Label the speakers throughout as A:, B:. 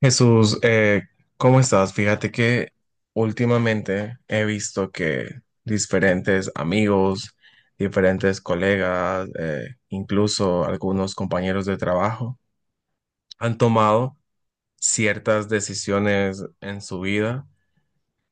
A: Jesús, ¿cómo estás? Fíjate que últimamente he visto que diferentes amigos, diferentes colegas, incluso algunos compañeros de trabajo han tomado ciertas decisiones en su vida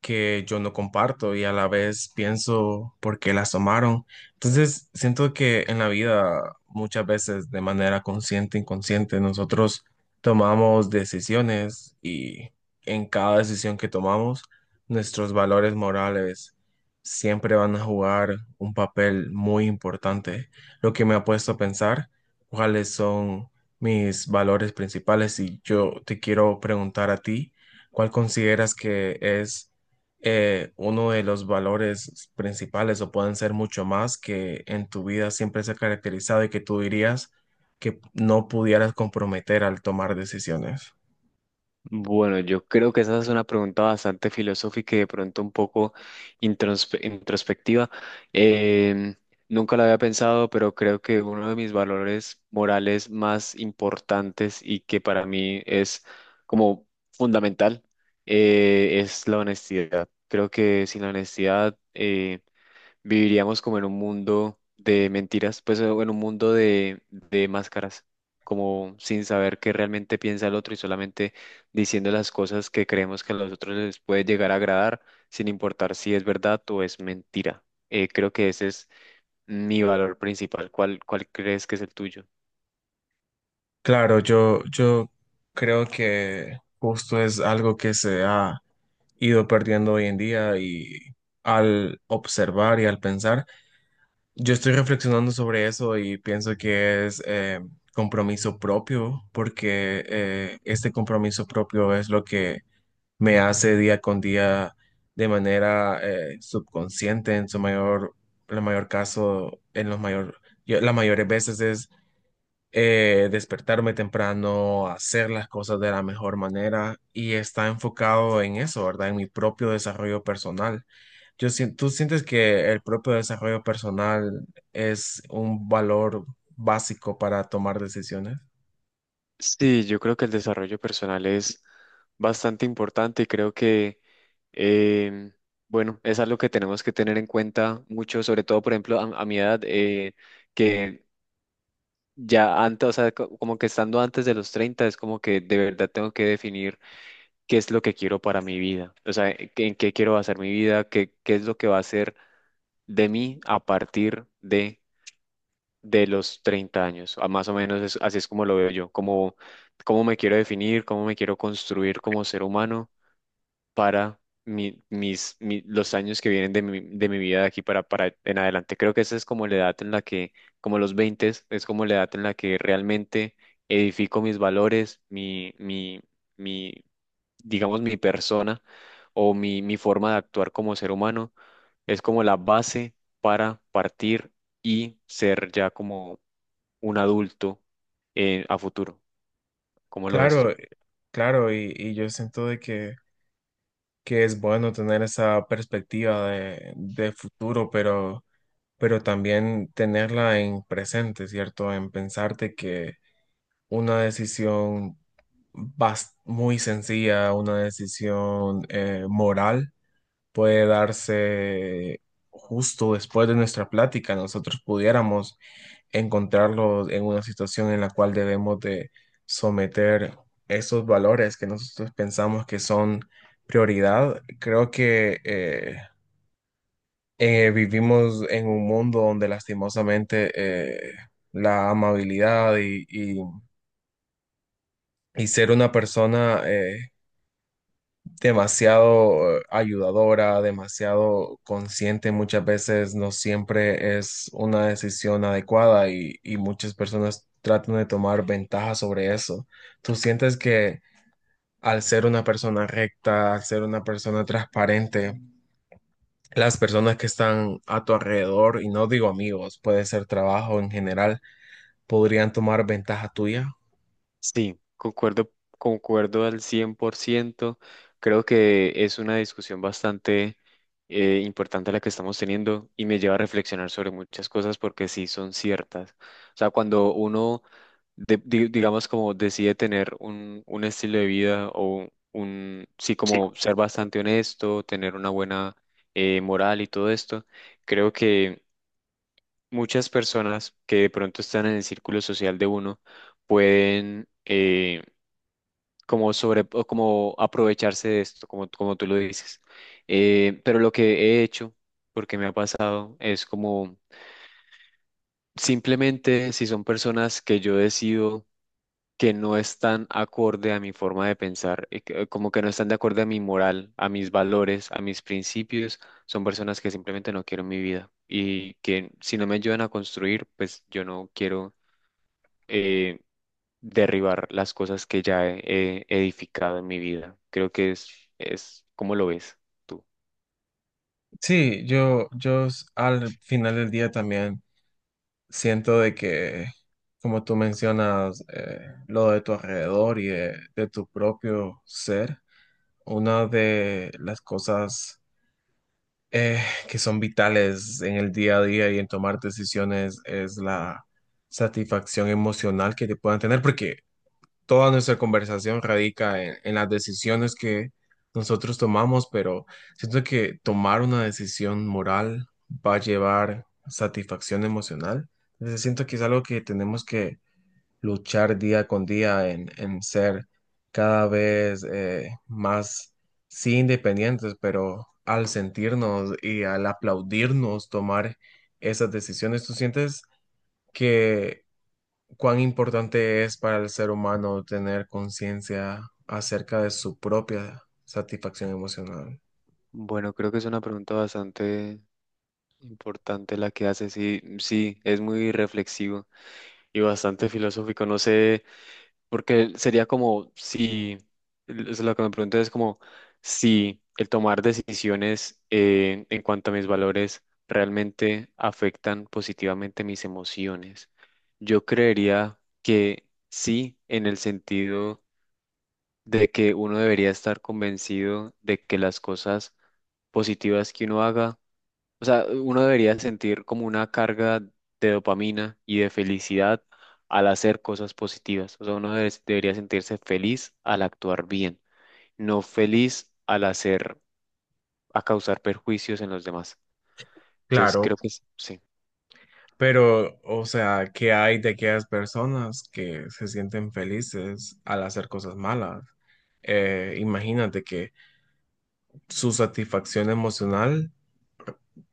A: que yo no comparto y a la vez pienso por qué las tomaron. Entonces, siento que en la vida muchas veces de manera consciente, inconsciente, nosotros tomamos decisiones y en cada decisión que tomamos, nuestros valores morales siempre van a jugar un papel muy importante, lo que me ha puesto a pensar cuáles son mis valores principales y yo te quiero preguntar a ti, ¿cuál consideras que es uno de los valores principales o pueden ser mucho más que en tu vida siempre se ha caracterizado y que tú dirías que no pudieras comprometer al tomar decisiones?
B: Bueno, yo creo que esa es una pregunta bastante filosófica y de pronto un poco introspectiva. Em, Nunca la había pensado, pero creo que uno de mis valores morales más importantes y que para mí es como fundamental es la honestidad. Creo que sin la honestidad viviríamos como en un mundo de mentiras, pues, o en un mundo de máscaras, como sin saber qué realmente piensa el otro y solamente diciendo las cosas que creemos que a los otros les puede llegar a agradar, sin importar si es verdad o es mentira. Creo que ese es mi valor principal. ¿Cuál crees que es el tuyo?
A: Claro, yo creo que justo es algo que se ha ido perdiendo hoy en día y al observar y al pensar. Yo estoy reflexionando sobre eso y pienso que es compromiso propio, porque este compromiso propio es lo que me hace día con día de manera subconsciente, en su mayor, la mayor caso, en los mayor, yo- las mayores veces es despertarme temprano, hacer las cosas de la mejor manera y está enfocado en eso, ¿verdad? En mi propio desarrollo personal. ¿Tú sientes que el propio desarrollo personal es un valor básico para tomar decisiones?
B: Sí, yo creo que el desarrollo personal es bastante importante y creo que, em, bueno, es algo que tenemos que tener en cuenta mucho, sobre todo, por ejemplo, a mi edad, que ya antes, o sea, como que estando antes de los 30 es como que de verdad tengo que definir qué es lo que quiero para mi vida, o sea, en qué quiero basar mi vida, qué es lo que va a ser de mí a partir de los 30 años. A Más o menos así es como lo veo yo, como cómo me quiero definir, cómo me quiero construir como ser humano para los años que vienen de mi vida de aquí para en adelante. Creo que esa es como la edad en la que, como los 20 es como la edad en la que realmente edifico mis valores, mi, digamos, mi persona o mi forma de actuar como ser humano. Es como la base para partir y ser ya como un adulto a futuro. ¿Cómo lo ves
A: Claro,
B: tú?
A: claro, y yo siento de que es bueno tener esa perspectiva de futuro, pero también tenerla en presente, ¿cierto? En pensarte que una decisión muy sencilla, una decisión moral, puede darse justo después de nuestra plática, nosotros pudiéramos encontrarlos en una situación en la cual debemos de someter esos valores que nosotros pensamos que son prioridad. Creo que vivimos en un mundo donde lastimosamente la amabilidad y ser una persona demasiado ayudadora, demasiado consciente, muchas veces no siempre es una decisión adecuada y muchas personas tratan de tomar ventaja sobre eso. ¿Tú sientes que al ser una persona recta, al ser una persona transparente, las personas que están a tu alrededor, y no digo amigos, puede ser trabajo en general, podrían tomar ventaja tuya?
B: Sí, concuerdo al 100%. Creo que es una discusión bastante importante la que estamos teniendo y me lleva a reflexionar sobre muchas cosas porque sí son ciertas. O sea, cuando uno, digamos, como decide tener un estilo de vida o un, sí, como ser bastante honesto, tener una buena moral y todo esto, creo que muchas personas que de pronto están en el círculo social de uno pueden como sobre o como aprovecharse de esto, como, como tú lo dices. Pero lo que he hecho, porque me ha pasado, es como simplemente si son personas que yo decido que no están acorde a mi forma de pensar, como que no están de acuerdo a mi moral, a mis valores, a mis principios, son personas que simplemente no quiero en mi vida y que si no me ayudan a construir, pues yo no quiero eh, derribar las cosas que ya he edificado en mi vida. Creo que es, ¿cómo lo ves tú?
A: Sí, al final del día también siento de que, como tú mencionas, lo de tu alrededor y de tu propio ser, una de las cosas eh, que son vitales en el día a día y en tomar decisiones es la satisfacción emocional que te puedan tener, porque toda nuestra conversación radica en las decisiones que nosotros tomamos, pero siento que tomar una decisión moral va a llevar satisfacción emocional. Entonces siento que es algo que tenemos que luchar día con día en ser cada vez más, sí, independientes, pero al sentirnos y al aplaudirnos tomar esas decisiones, ¿tú sientes que cuán importante es para el ser humano tener conciencia acerca de su propia satisfacción emocional?
B: Bueno, creo que es una pregunta bastante importante la que haces y sí, es muy reflexivo y bastante filosófico. No sé. Porque sería como si, es lo que me pregunto es como si el tomar decisiones en cuanto a mis valores realmente afectan positivamente mis emociones. Yo creería que sí, en el sentido de que uno debería estar convencido de que las cosas positivas que uno haga, o sea, uno debería sentir como una carga de dopamina y de felicidad al hacer cosas positivas. O sea, debería sentirse feliz al actuar bien, no feliz al hacer, a causar perjuicios en los demás. Entonces,
A: Claro,
B: creo que sí.
A: pero, o sea, ¿qué hay de aquellas personas que se sienten felices al hacer cosas malas? Imagínate que su satisfacción emocional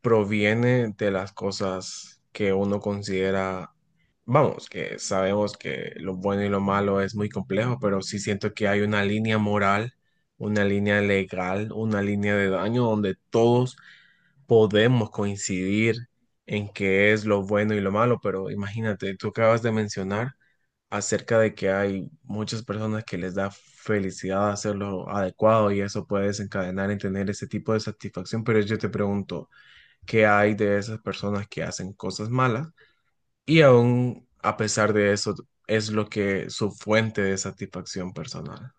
A: proviene de las cosas que uno considera, vamos, que sabemos que lo bueno y lo malo es muy complejo, pero sí siento que hay una línea moral, una línea legal, una línea de daño donde todos podemos coincidir en qué es lo bueno y lo malo, pero imagínate, tú acabas de mencionar acerca de que hay muchas personas que les da felicidad hacerlo adecuado y eso puede desencadenar en tener ese tipo de satisfacción, pero yo te pregunto, ¿qué hay de esas personas que hacen cosas malas y aún a pesar de eso es lo que su fuente de satisfacción personal?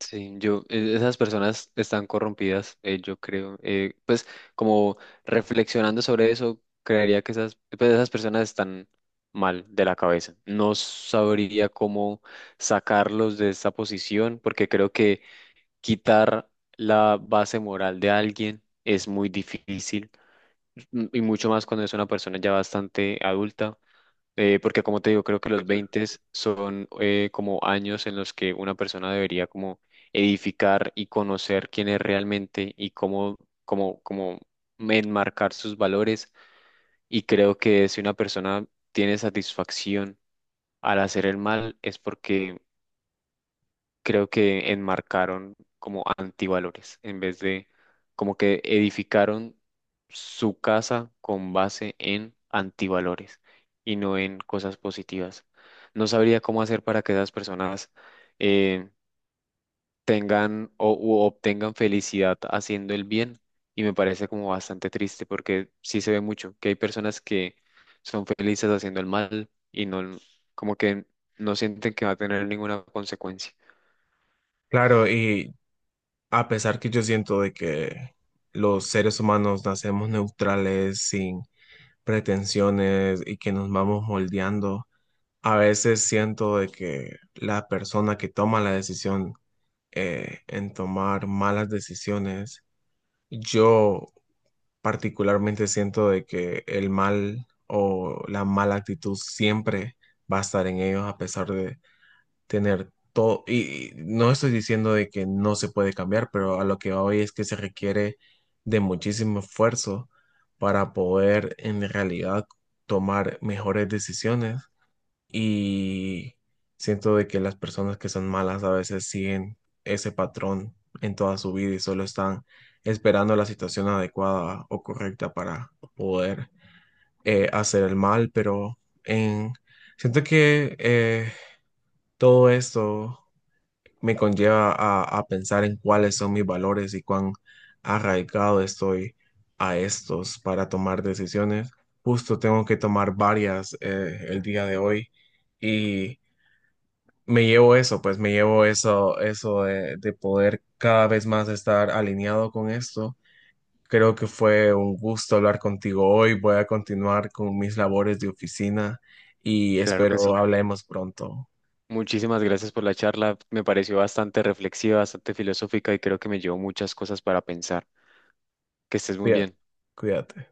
B: Sí, yo, esas personas están corrompidas, yo creo. Pues como reflexionando sobre eso, creería que esas, pues, esas personas están mal de la cabeza. No sabría cómo sacarlos de esa posición, porque creo que quitar la base moral de alguien es muy difícil, y mucho más cuando es una persona ya bastante adulta. Porque como te digo, creo que los 20 son como años en los que una persona debería como edificar y conocer quién es realmente y cómo enmarcar sus valores. Y creo que si una persona tiene satisfacción al hacer el mal es porque creo que enmarcaron como antivalores, en vez de como que edificaron su casa con base en antivalores y no en cosas positivas. No sabría cómo hacer para que esas personas eh, tengan o u obtengan felicidad haciendo el bien, y me parece como bastante triste porque sí se ve mucho que hay personas que son felices haciendo el mal y no como que no sienten que va a tener ninguna consecuencia.
A: Claro, y a pesar que yo siento de que los seres humanos nacemos neutrales, sin pretensiones y que nos vamos moldeando, a veces siento de que la persona que toma la decisión en tomar malas decisiones, yo particularmente siento de que el mal o la mala actitud siempre va a estar en ellos a pesar de tener todo. Y no estoy diciendo de que no se puede cambiar, pero a lo que voy es que se requiere de muchísimo esfuerzo para poder en realidad tomar mejores decisiones y siento de que las personas que son malas a veces siguen ese patrón en toda su vida y solo están esperando la situación adecuada o correcta para poder hacer el mal, pero en... siento que todo esto me conlleva a pensar en cuáles son mis valores y cuán arraigado estoy a estos para tomar decisiones. Justo tengo que tomar varias el día de hoy y me llevo eso, pues me llevo eso, eso de poder cada vez más estar alineado con esto. Creo que fue un gusto hablar contigo hoy. Voy a continuar con mis labores de oficina y
B: Claro que
A: espero
B: sí.
A: hablemos pronto.
B: Muchísimas gracias por la charla. Me pareció bastante reflexiva, bastante filosófica y creo que me llevó muchas cosas para pensar. Que estés muy
A: Cuídate,
B: bien.
A: cuídate.